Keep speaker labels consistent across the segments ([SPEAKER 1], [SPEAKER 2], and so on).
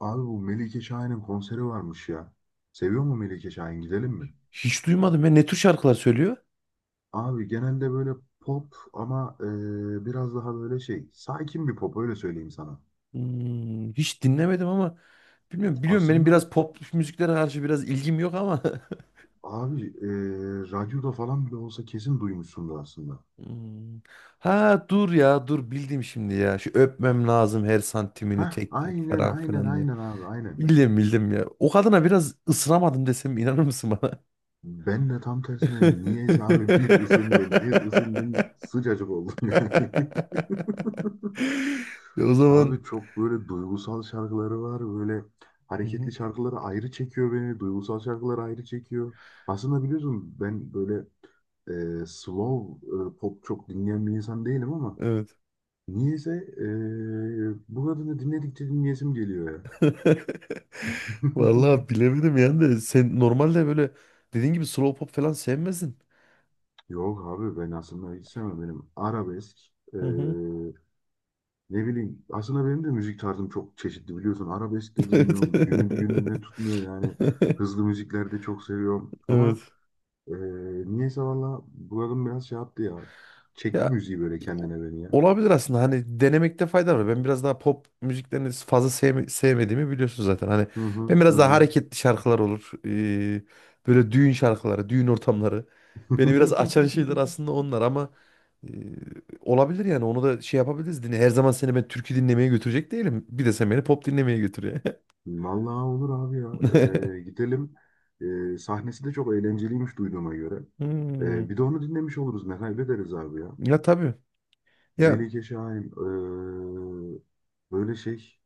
[SPEAKER 1] Abi bu Melike Şahin'in konseri varmış ya. Seviyor mu Melike Şahin? Gidelim mi?
[SPEAKER 2] Hiç duymadım ya. Ne tür şarkılar söylüyor?
[SPEAKER 1] Abi genelde böyle pop ama biraz daha böyle şey sakin bir pop öyle söyleyeyim sana.
[SPEAKER 2] Hmm, hiç dinlemedim ama bilmiyorum. Biliyorum benim
[SPEAKER 1] Aslında
[SPEAKER 2] biraz pop müziklere karşı biraz ilgim yok ama.
[SPEAKER 1] abi radyoda falan bile olsa kesin duymuşsundur aslında.
[SPEAKER 2] Hmm. Ha dur ya dur bildim şimdi ya. Şu öpmem lazım her santimini
[SPEAKER 1] Heh
[SPEAKER 2] tek tek
[SPEAKER 1] aynen
[SPEAKER 2] falan
[SPEAKER 1] aynen
[SPEAKER 2] filan diye.
[SPEAKER 1] aynen abi aynen.
[SPEAKER 2] Bildim ya. O kadına biraz ısınamadım desem inanır mısın bana?
[SPEAKER 1] Ben de tam tersine niyeyse abi bir ısındım bir ısındım sıcacık oldum yani.
[SPEAKER 2] Ya o zaman
[SPEAKER 1] Abi çok böyle duygusal şarkıları var. Böyle
[SPEAKER 2] hı hı,
[SPEAKER 1] hareketli şarkıları ayrı çekiyor beni. Duygusal şarkıları ayrı çekiyor. Aslında biliyorsun ben böyle slow pop çok dinleyen bir insan değilim ama
[SPEAKER 2] evet.
[SPEAKER 1] niyeyse bu kadını dinledikçe dinleyesim geliyor ya.
[SPEAKER 2] Vallahi bilemedim yani de sen normalde böyle dediğin gibi slow pop falan sevmezsin.
[SPEAKER 1] Yok abi ben aslında hiç sevmem. Benim arabesk e,
[SPEAKER 2] Hı hı.
[SPEAKER 1] ne bileyim aslında benim de müzik tarzım çok çeşitli biliyorsun. Arabesk de dinliyorum. Günü
[SPEAKER 2] Evet.
[SPEAKER 1] gününe tutmuyor yani. Hızlı müzikler de çok seviyorum. Ama
[SPEAKER 2] Evet.
[SPEAKER 1] Ee, niyeyse valla buranın biraz şey yaptı ya. Çekti
[SPEAKER 2] Ya
[SPEAKER 1] müziği böyle
[SPEAKER 2] o-
[SPEAKER 1] kendine beni ya.
[SPEAKER 2] olabilir aslında hani denemekte fayda var. Ben biraz daha pop müziklerini fazla sevmediğimi biliyorsun zaten. Hani
[SPEAKER 1] Hı hı
[SPEAKER 2] ben
[SPEAKER 1] hı
[SPEAKER 2] biraz daha
[SPEAKER 1] hı.
[SPEAKER 2] hareketli şarkılar olur. Böyle düğün şarkıları, düğün ortamları. Beni biraz açan şeyler aslında onlar ama ee, olabilir yani onu da şey yapabiliriz. Dinle. Her zaman seni ben türkü dinlemeye götürecek değilim. Bir de sen beni pop dinlemeye götür ya.
[SPEAKER 1] Vallahi olur abi ya. Ee, gidelim. Sahnesi de çok eğlenceliymiş duyduğuma göre.
[SPEAKER 2] Hmm.
[SPEAKER 1] Bir de onu dinlemiş oluruz. Ne kaybederiz abi ya.
[SPEAKER 2] Ya tabii. Ya
[SPEAKER 1] Melike Şahin. Böyle şey.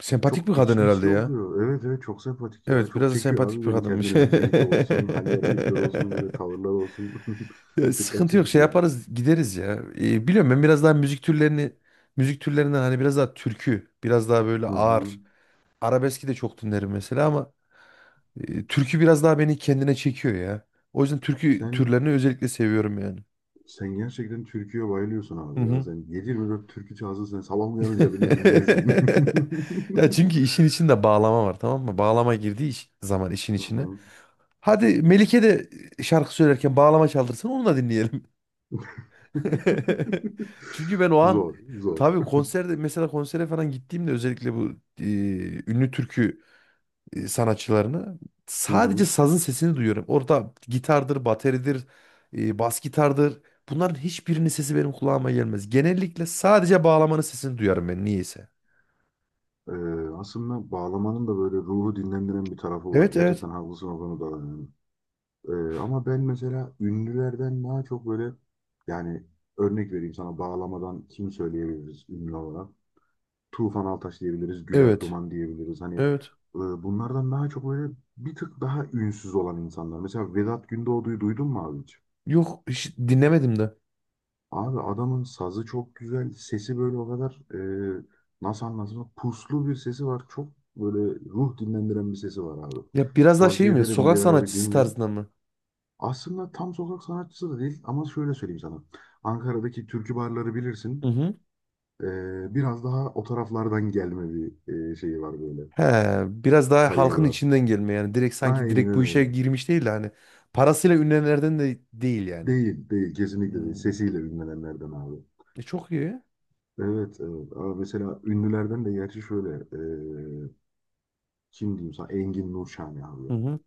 [SPEAKER 2] sempatik bir
[SPEAKER 1] Çok
[SPEAKER 2] kadın
[SPEAKER 1] içli
[SPEAKER 2] herhalde
[SPEAKER 1] içli
[SPEAKER 2] ya.
[SPEAKER 1] okuyor. Evet evet çok sempatik ya.
[SPEAKER 2] Evet
[SPEAKER 1] Çok
[SPEAKER 2] biraz da
[SPEAKER 1] çekiyor
[SPEAKER 2] sempatik
[SPEAKER 1] abi
[SPEAKER 2] bir
[SPEAKER 1] beni
[SPEAKER 2] kadınmış.
[SPEAKER 1] kendine müziği de olsun. Hal ve hareketler olsun. Böyle tavırlar olsun.
[SPEAKER 2] Ya,
[SPEAKER 1] Dikkat
[SPEAKER 2] sıkıntı yok şey
[SPEAKER 1] çekici ya.
[SPEAKER 2] yaparız gideriz ya. Biliyorum ben biraz daha müzik türlerinden hani biraz daha türkü biraz daha böyle
[SPEAKER 1] Hı hı.
[SPEAKER 2] ağır. Arabeski de çok dinlerim mesela ama türkü biraz daha beni kendine çekiyor ya. O yüzden türkü
[SPEAKER 1] Sen
[SPEAKER 2] türlerini özellikle seviyorum yani.
[SPEAKER 1] Sen gerçekten türküye bayılıyorsun
[SPEAKER 2] Hı
[SPEAKER 1] abi ya.
[SPEAKER 2] hı.
[SPEAKER 1] Sen yedi yirmi 24 türkü çalsın sen sabah uyanınca bile dinlersin.
[SPEAKER 2] Ya çünkü işin içinde bağlama var, tamam mı? Bağlama girdiği zaman işin
[SPEAKER 1] Hı
[SPEAKER 2] içine.
[SPEAKER 1] hı.
[SPEAKER 2] Hadi Melike de şarkı söylerken bağlama çaldırsın, onu da dinleyelim. Çünkü ben o an
[SPEAKER 1] Zor, zor.
[SPEAKER 2] tabii konserde mesela konsere falan gittiğimde özellikle bu e, ünlü türkü sanatçılarını
[SPEAKER 1] Hı
[SPEAKER 2] sadece
[SPEAKER 1] hı.
[SPEAKER 2] sazın sesini duyuyorum. Orada gitardır, bateridir, bas gitardır. Bunların hiçbirinin sesi benim kulağıma gelmez. Genellikle sadece bağlamanın sesini duyarım ben niyeyse.
[SPEAKER 1] Ee, aslında bağlamanın da böyle ruhu dinlendiren bir tarafı var.
[SPEAKER 2] Evet,
[SPEAKER 1] Gerçekten haklısın o konuda. Da yani. Ee, ama ben mesela ünlülerden daha çok böyle yani örnek vereyim sana bağlamadan kim söyleyebiliriz ünlü olarak? Tufan Altaş diyebiliriz, Güler
[SPEAKER 2] evet.
[SPEAKER 1] Duman diyebiliriz. Hani
[SPEAKER 2] Evet.
[SPEAKER 1] bunlardan daha çok böyle bir tık daha ünsüz olan insanlar. Mesela Vedat Gündoğdu'yu duydun mu abi hiç?
[SPEAKER 2] Yok hiç dinlemedim de.
[SPEAKER 1] Abi adamın sazı çok güzel, sesi böyle o kadar e, nasıl anlatayım? Puslu bir sesi var. Çok böyle ruh dinlendiren bir sesi var abi.
[SPEAKER 2] Ya biraz daha şey
[SPEAKER 1] Tavsiye
[SPEAKER 2] mi?
[SPEAKER 1] ederim bir
[SPEAKER 2] Sokak
[SPEAKER 1] ara bir
[SPEAKER 2] sanatçısı
[SPEAKER 1] dinle.
[SPEAKER 2] tarzında mı?
[SPEAKER 1] Aslında tam sokak sanatçısı da değil ama şöyle söyleyeyim sana. Ankara'daki türkü barları
[SPEAKER 2] Hı
[SPEAKER 1] bilirsin.
[SPEAKER 2] hı.
[SPEAKER 1] E, biraz daha o taraflardan gelme bir şeyi var böyle.
[SPEAKER 2] He, biraz daha
[SPEAKER 1] Kariyeri
[SPEAKER 2] halkın
[SPEAKER 1] var.
[SPEAKER 2] içinden gelme yani. Direkt sanki
[SPEAKER 1] Aynen
[SPEAKER 2] direkt bu işe
[SPEAKER 1] öyle.
[SPEAKER 2] girmiş değil de hani. Parasıyla ünlenenlerden de değil yani.
[SPEAKER 1] Değil, değil. Kesinlikle
[SPEAKER 2] Hmm.
[SPEAKER 1] değil. Sesiyle ünlenenlerden abi.
[SPEAKER 2] E, çok iyi.
[SPEAKER 1] Evet, evet. Abi mesela ünlülerden de gerçi şöyle. Kim diyeyim sana? Engin Nurşani abi
[SPEAKER 2] Hı
[SPEAKER 1] ya.
[SPEAKER 2] hı.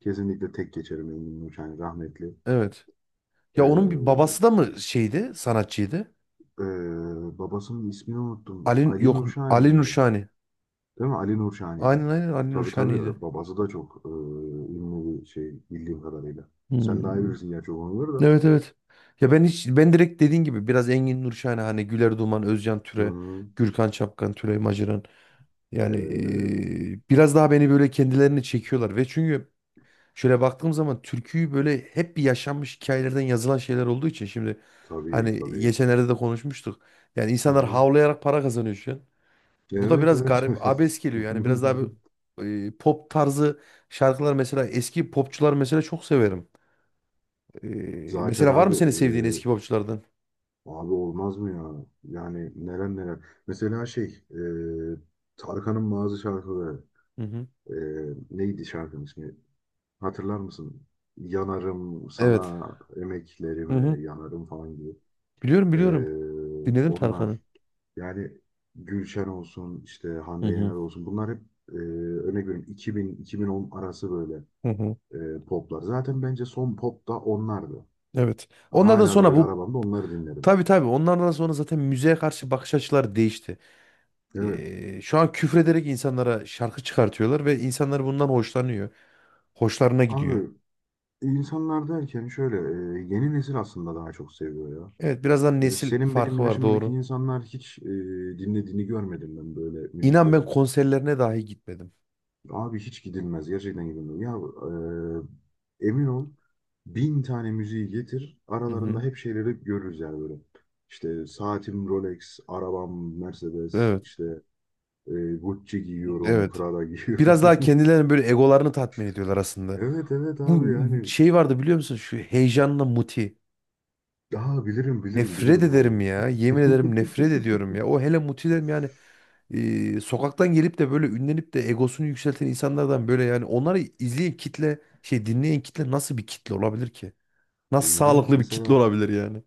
[SPEAKER 1] Kesinlikle tek geçerim Engin Nurşani rahmetli.
[SPEAKER 2] Evet. Ya onun bir
[SPEAKER 1] Eee,
[SPEAKER 2] babası da mı şeydi? Sanatçıydı.
[SPEAKER 1] eee, babasının ismini unuttum.
[SPEAKER 2] Ali
[SPEAKER 1] Ali
[SPEAKER 2] yok,
[SPEAKER 1] Nurşani
[SPEAKER 2] Ali
[SPEAKER 1] miydi?
[SPEAKER 2] Nurşani.
[SPEAKER 1] Değil mi? Ali Nurşani'ydi.
[SPEAKER 2] Aynen aynen Ali
[SPEAKER 1] Tabii
[SPEAKER 2] Nurşani'ydi.
[SPEAKER 1] tabii. Babası da çok ünlü bir şey bildiğim kadarıyla. Sen daha iyi
[SPEAKER 2] Hmm.
[SPEAKER 1] bilirsin gerçi o konuları da.
[SPEAKER 2] Evet evet. Ya ben hiç ben direkt dediğin gibi biraz Engin Nurşahine hani Güler Duman, Özcan
[SPEAKER 1] Hı
[SPEAKER 2] Türe,
[SPEAKER 1] hı.
[SPEAKER 2] Gürkan Çapkan, Tülay Maciran yani
[SPEAKER 1] Eee,
[SPEAKER 2] biraz daha beni böyle kendilerini çekiyorlar ve çünkü şöyle baktığım zaman türküyü böyle hep bir yaşanmış hikayelerden yazılan şeyler olduğu için şimdi
[SPEAKER 1] tabii
[SPEAKER 2] hani
[SPEAKER 1] tabii.
[SPEAKER 2] geçenlerde de konuşmuştuk. Yani
[SPEAKER 1] Hı
[SPEAKER 2] insanlar
[SPEAKER 1] hı.
[SPEAKER 2] havlayarak para kazanıyor şu an. Bu da
[SPEAKER 1] Evet
[SPEAKER 2] biraz
[SPEAKER 1] evet
[SPEAKER 2] garip,
[SPEAKER 1] evet.
[SPEAKER 2] abes geliyor yani biraz daha bir pop tarzı şarkılar mesela eski popçular mesela çok severim.
[SPEAKER 1] Zaten
[SPEAKER 2] Mesela var mı
[SPEAKER 1] abi
[SPEAKER 2] senin sevdiğin
[SPEAKER 1] e,
[SPEAKER 2] eski popçulardan?
[SPEAKER 1] abi olmaz mı ya? Yani neler neler. Mesela şey e, Tarkan'ın bazı şarkıları
[SPEAKER 2] Hı hı.
[SPEAKER 1] e, neydi şarkının ismi? Hatırlar mısın? Yanarım
[SPEAKER 2] Evet.
[SPEAKER 1] sana
[SPEAKER 2] Hı hı.
[SPEAKER 1] emeklerime yanarım falan gibi.
[SPEAKER 2] Biliyorum
[SPEAKER 1] E,
[SPEAKER 2] biliyorum. Dinledim Tarkan'ı.
[SPEAKER 1] onlar yani Gülşen olsun işte
[SPEAKER 2] Hı
[SPEAKER 1] Hande Yener
[SPEAKER 2] hı.
[SPEAKER 1] olsun bunlar hep örnek veriyorum 2000-2010 arası böyle
[SPEAKER 2] Hı hı.
[SPEAKER 1] poplar. Zaten bence son pop da onlardı.
[SPEAKER 2] Evet. Onlardan
[SPEAKER 1] Hala da
[SPEAKER 2] sonra
[SPEAKER 1] böyle
[SPEAKER 2] bu
[SPEAKER 1] arabamda onları dinlerim.
[SPEAKER 2] tabii tabii onlardan sonra zaten müziğe karşı bakış açıları değişti.
[SPEAKER 1] Evet.
[SPEAKER 2] Şu an küfrederek insanlara şarkı çıkartıyorlar ve insanlar bundan hoşlanıyor. Hoşlarına gidiyor.
[SPEAKER 1] Abi insanlar derken şöyle yeni nesil aslında daha çok seviyor ya.
[SPEAKER 2] Evet birazdan
[SPEAKER 1] Böyle
[SPEAKER 2] nesil
[SPEAKER 1] senin benim
[SPEAKER 2] farkı var,
[SPEAKER 1] yaşımdaki
[SPEAKER 2] doğru.
[SPEAKER 1] insanlar hiç dinlediğini görmedim ben böyle
[SPEAKER 2] İnan ben
[SPEAKER 1] müzikleri.
[SPEAKER 2] konserlerine dahi gitmedim.
[SPEAKER 1] Abi hiç gidilmez gerçekten gidilmez. Ya emin ol bin tane müziği getir
[SPEAKER 2] Hı
[SPEAKER 1] aralarında
[SPEAKER 2] hı.
[SPEAKER 1] hep şeyleri görürüz yani böyle. İşte saatim Rolex, arabam Mercedes,
[SPEAKER 2] Evet.
[SPEAKER 1] işte Gucci giyiyorum,
[SPEAKER 2] Evet.
[SPEAKER 1] Prada
[SPEAKER 2] Biraz
[SPEAKER 1] giyiyorum.
[SPEAKER 2] daha kendilerini böyle egolarını tatmin ediyorlar aslında.
[SPEAKER 1] Evet evet
[SPEAKER 2] Bu
[SPEAKER 1] abi yani
[SPEAKER 2] şey vardı biliyor musun? Şu heyecanla Muti.
[SPEAKER 1] daha bilirim bilirim
[SPEAKER 2] Nefret
[SPEAKER 1] bilirim abi.
[SPEAKER 2] ederim ya. Yemin ederim nefret ediyorum ya. O hele mutilerim yani sokaktan gelip de böyle ünlenip de egosunu yükselten insanlardan böyle yani onları izleyen kitle şey dinleyen kitle nasıl bir kitle olabilir ki? Nasıl
[SPEAKER 1] Yani
[SPEAKER 2] sağlıklı bir kitle
[SPEAKER 1] mesela
[SPEAKER 2] olabilir yani?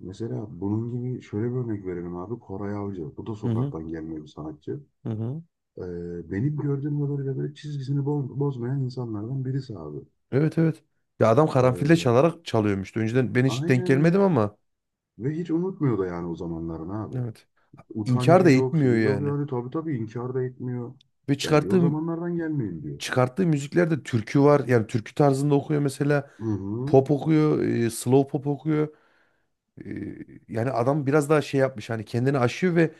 [SPEAKER 1] mesela bunun gibi şöyle bir örnek verelim abi. Koray Avcı. Bu da
[SPEAKER 2] Hı hı,
[SPEAKER 1] sokaktan gelme bir sanatçı.
[SPEAKER 2] hı hı.
[SPEAKER 1] Benim gördüğüm kadarıyla böyle çizgisini bozmayan insanlardan birisi abi.
[SPEAKER 2] Evet evet. Ya adam karanfille
[SPEAKER 1] Ee,
[SPEAKER 2] çalarak çalıyormuştu. Önceden ben hiç denk
[SPEAKER 1] aynen
[SPEAKER 2] gelmedim
[SPEAKER 1] öyle.
[SPEAKER 2] ama
[SPEAKER 1] Ve hiç unutmuyor da yani o zamanların abi.
[SPEAKER 2] evet.
[SPEAKER 1] Utancı
[SPEAKER 2] İnkar da
[SPEAKER 1] yok,
[SPEAKER 2] etmiyor
[SPEAKER 1] şey yok
[SPEAKER 2] yani.
[SPEAKER 1] yani tabii tabii inkar da etmiyor.
[SPEAKER 2] Ve
[SPEAKER 1] Ben diyor o zamanlardan gelmeyeyim diyor.
[SPEAKER 2] çıkarttığı müziklerde türkü var. Yani türkü tarzında okuyor mesela.
[SPEAKER 1] Hı hı.
[SPEAKER 2] Pop okuyor, slow pop okuyor. Ee, Yani adam biraz daha şey yapmış hani kendini aşıyor ve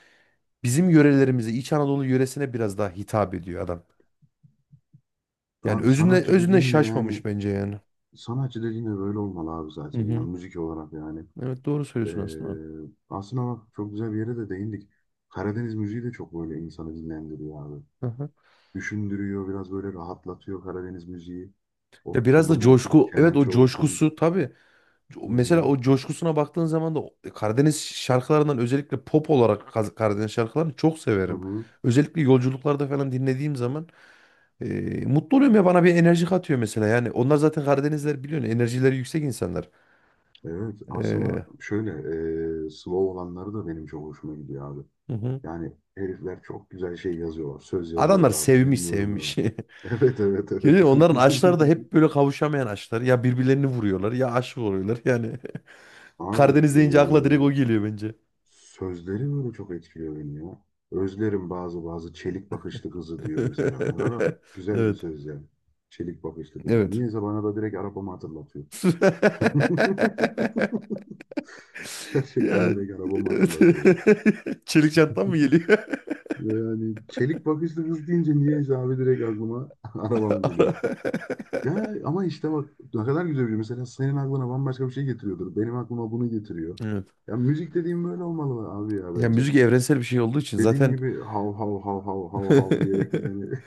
[SPEAKER 2] bizim yörelerimize İç Anadolu yöresine biraz daha hitap ediyor adam. Yani
[SPEAKER 1] Abi
[SPEAKER 2] özünde şaşmamış bence yani.
[SPEAKER 1] sanatçı dediğin de böyle olmalı abi
[SPEAKER 2] Hı
[SPEAKER 1] zaten
[SPEAKER 2] hı.
[SPEAKER 1] yani müzik olarak yani.
[SPEAKER 2] Evet doğru
[SPEAKER 1] Ee,
[SPEAKER 2] söylüyorsun aslında.
[SPEAKER 1] aslında bak çok güzel bir yere de değindik. Karadeniz müziği de çok böyle insanı dinlendiriyor abi.
[SPEAKER 2] Hı hı.
[SPEAKER 1] Düşündürüyor, biraz böyle rahatlatıyor Karadeniz müziği. O
[SPEAKER 2] Ya biraz da
[SPEAKER 1] tulum olsun,
[SPEAKER 2] coşku, evet o
[SPEAKER 1] kemençe olsun.
[SPEAKER 2] coşkusu tabii.
[SPEAKER 1] Hı
[SPEAKER 2] Mesela
[SPEAKER 1] hı,
[SPEAKER 2] o coşkusuna baktığın zaman da Karadeniz şarkılarından özellikle pop olarak Karadeniz şarkılarını çok
[SPEAKER 1] hı
[SPEAKER 2] severim.
[SPEAKER 1] hı.
[SPEAKER 2] Özellikle yolculuklarda falan dinlediğim zaman e, mutlu oluyorum ya bana bir enerji katıyor mesela. Yani onlar zaten Karadenizler biliyorsun enerjileri yüksek insanlar.
[SPEAKER 1] Evet, aslında
[SPEAKER 2] E,
[SPEAKER 1] şöyle slow olanları da benim çok hoşuma gidiyor abi.
[SPEAKER 2] Hı hı.
[SPEAKER 1] Yani herifler çok güzel şey yazıyorlar, söz
[SPEAKER 2] Adamlar
[SPEAKER 1] yazıyorlar abi.
[SPEAKER 2] sevmiş
[SPEAKER 1] Bilmiyorum ya.
[SPEAKER 2] sevmiş.
[SPEAKER 1] Evet, evet, evet.
[SPEAKER 2] Yani onların aşkları da hep böyle kavuşamayan aşklar. Ya birbirlerini vuruyorlar ya aşık oluyorlar. Yani
[SPEAKER 1] Abi
[SPEAKER 2] Karadeniz deyince akla direkt
[SPEAKER 1] ee,
[SPEAKER 2] o geliyor bence.
[SPEAKER 1] Sözleri böyle çok etkiliyor beni ya. Özlerim bazı bazı çelik bakışlı kızı diyor mesela. Ne kadar güzel bir
[SPEAKER 2] Evet.
[SPEAKER 1] söz yani. Çelik bakışlı kız.
[SPEAKER 2] Evet.
[SPEAKER 1] Niyeyse bana da direkt arabamı hatırlatıyor. Gerçekten
[SPEAKER 2] Ya,
[SPEAKER 1] direkt arabamı
[SPEAKER 2] evet.
[SPEAKER 1] hatırlatıyor.
[SPEAKER 2] Çelik çantam mı geliyor?
[SPEAKER 1] Yani çelik bakışlı kız deyince niyeyse abi direkt aklıma arabam geliyor.
[SPEAKER 2] Ara-
[SPEAKER 1] Ya ama işte bak ne kadar güzel bir şey. Mesela senin aklına bambaşka bir şey getiriyordur. Benim aklıma bunu getiriyor.
[SPEAKER 2] Evet.
[SPEAKER 1] Ya müzik dediğim böyle olmalı abi ya
[SPEAKER 2] Ya
[SPEAKER 1] bence.
[SPEAKER 2] müzik evrensel bir şey olduğu için
[SPEAKER 1] Dediğin
[SPEAKER 2] zaten
[SPEAKER 1] gibi hav hav hav hav hav hav diye yani.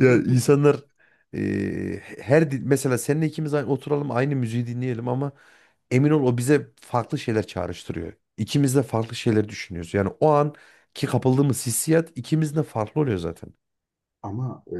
[SPEAKER 2] ya insanlar mesela seninle ikimiz aynı, oturalım aynı müziği dinleyelim ama emin ol o bize farklı şeyler çağrıştırıyor. İkimiz de farklı şeyler düşünüyoruz. Yani o an ki kapıldığımız hissiyat ikimizin de farklı oluyor zaten.
[SPEAKER 1] Ama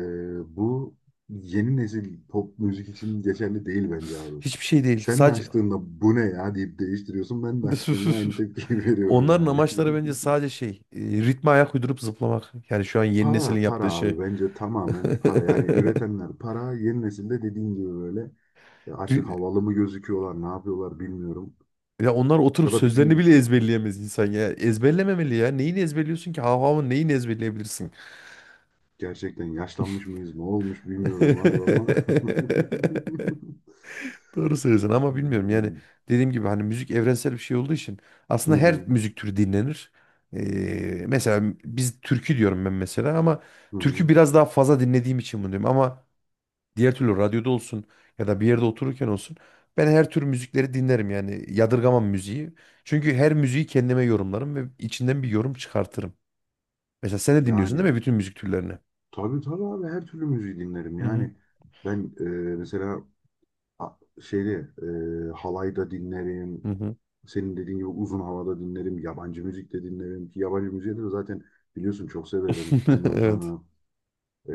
[SPEAKER 1] bu yeni nesil pop müzik için geçerli değil bence abi.
[SPEAKER 2] Hiçbir şey değil.
[SPEAKER 1] Sen de
[SPEAKER 2] Sadece
[SPEAKER 1] açtığında bu ne ya deyip değiştiriyorsun. Ben de açtığımda aynı tepkiyi veriyorum
[SPEAKER 2] onların
[SPEAKER 1] yani.
[SPEAKER 2] amaçları bence sadece şey, ritme ayak uydurup zıplamak. Yani şu an yeni
[SPEAKER 1] Para,
[SPEAKER 2] neslin
[SPEAKER 1] para
[SPEAKER 2] yaptığı
[SPEAKER 1] abi
[SPEAKER 2] şey.
[SPEAKER 1] bence tamamen para. Yani üretenler para. Yeni nesilde dediğin gibi böyle artık
[SPEAKER 2] Ri-
[SPEAKER 1] havalı mı gözüküyorlar, ne yapıyorlar bilmiyorum.
[SPEAKER 2] Ya onlar oturup
[SPEAKER 1] Ya da bizim
[SPEAKER 2] sözlerini bile ezberleyemez insan ya. Ezberlememeli ya. Neyini ezberliyorsun ki? Hav havın neyini ezberleyebilirsin?
[SPEAKER 1] gerçekten yaşlanmış mıyız, ne olmuş bilmiyorum abi ama.
[SPEAKER 2] Doğru söylüyorsun ama bilmiyorum yani
[SPEAKER 1] Hmm.
[SPEAKER 2] dediğim gibi hani müzik evrensel bir şey olduğu için
[SPEAKER 1] Hı
[SPEAKER 2] aslında her
[SPEAKER 1] hı,
[SPEAKER 2] müzik türü dinlenir. Mesela biz türkü diyorum ben mesela ama
[SPEAKER 1] hı
[SPEAKER 2] türkü
[SPEAKER 1] hı.
[SPEAKER 2] biraz daha fazla dinlediğim için bunu diyorum ama diğer türlü radyoda olsun ya da bir yerde otururken olsun ben her tür müzikleri dinlerim yani yadırgamam müziği. Çünkü her müziği kendime yorumlarım ve içinden bir yorum çıkartırım. Mesela sen de dinliyorsun değil
[SPEAKER 1] Yani
[SPEAKER 2] mi bütün müzik türlerini?
[SPEAKER 1] tabii tabii abi her türlü müziği dinlerim.
[SPEAKER 2] Hı hı.
[SPEAKER 1] Yani ben mesela a- şeyde halayda
[SPEAKER 2] Hı
[SPEAKER 1] dinlerim.
[SPEAKER 2] hı.
[SPEAKER 1] Senin dediğin gibi uzun havada dinlerim. Yabancı müzik de dinlerim. Ki yabancı müziği de zaten biliyorsun çok severim. Ondan
[SPEAKER 2] Evet.
[SPEAKER 1] sonra e,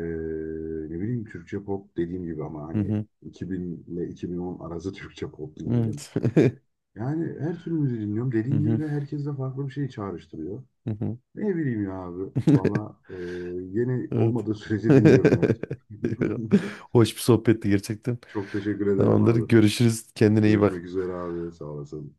[SPEAKER 1] ne bileyim Türkçe pop dediğim gibi ama
[SPEAKER 2] Hı
[SPEAKER 1] hani
[SPEAKER 2] hı.
[SPEAKER 1] 2000 ile 2010 arası Türkçe pop dinlerim.
[SPEAKER 2] Evet.
[SPEAKER 1] Yani her türlü müziği dinliyorum.
[SPEAKER 2] Hı
[SPEAKER 1] Dediğin gibi
[SPEAKER 2] hı.
[SPEAKER 1] de herkes de farklı bir şey çağrıştırıyor.
[SPEAKER 2] Hı hı.
[SPEAKER 1] Ne bileyim ya abi. Valla yeni
[SPEAKER 2] Evet.
[SPEAKER 1] olmadığı sürece dinliyorum her.
[SPEAKER 2] Hoş bir sohbetti gerçekten.
[SPEAKER 1] Çok teşekkür ederim
[SPEAKER 2] Tamamdır.
[SPEAKER 1] abi.
[SPEAKER 2] Görüşürüz. Kendine iyi bak.
[SPEAKER 1] Görüşmek üzere abi. Sağ olasın.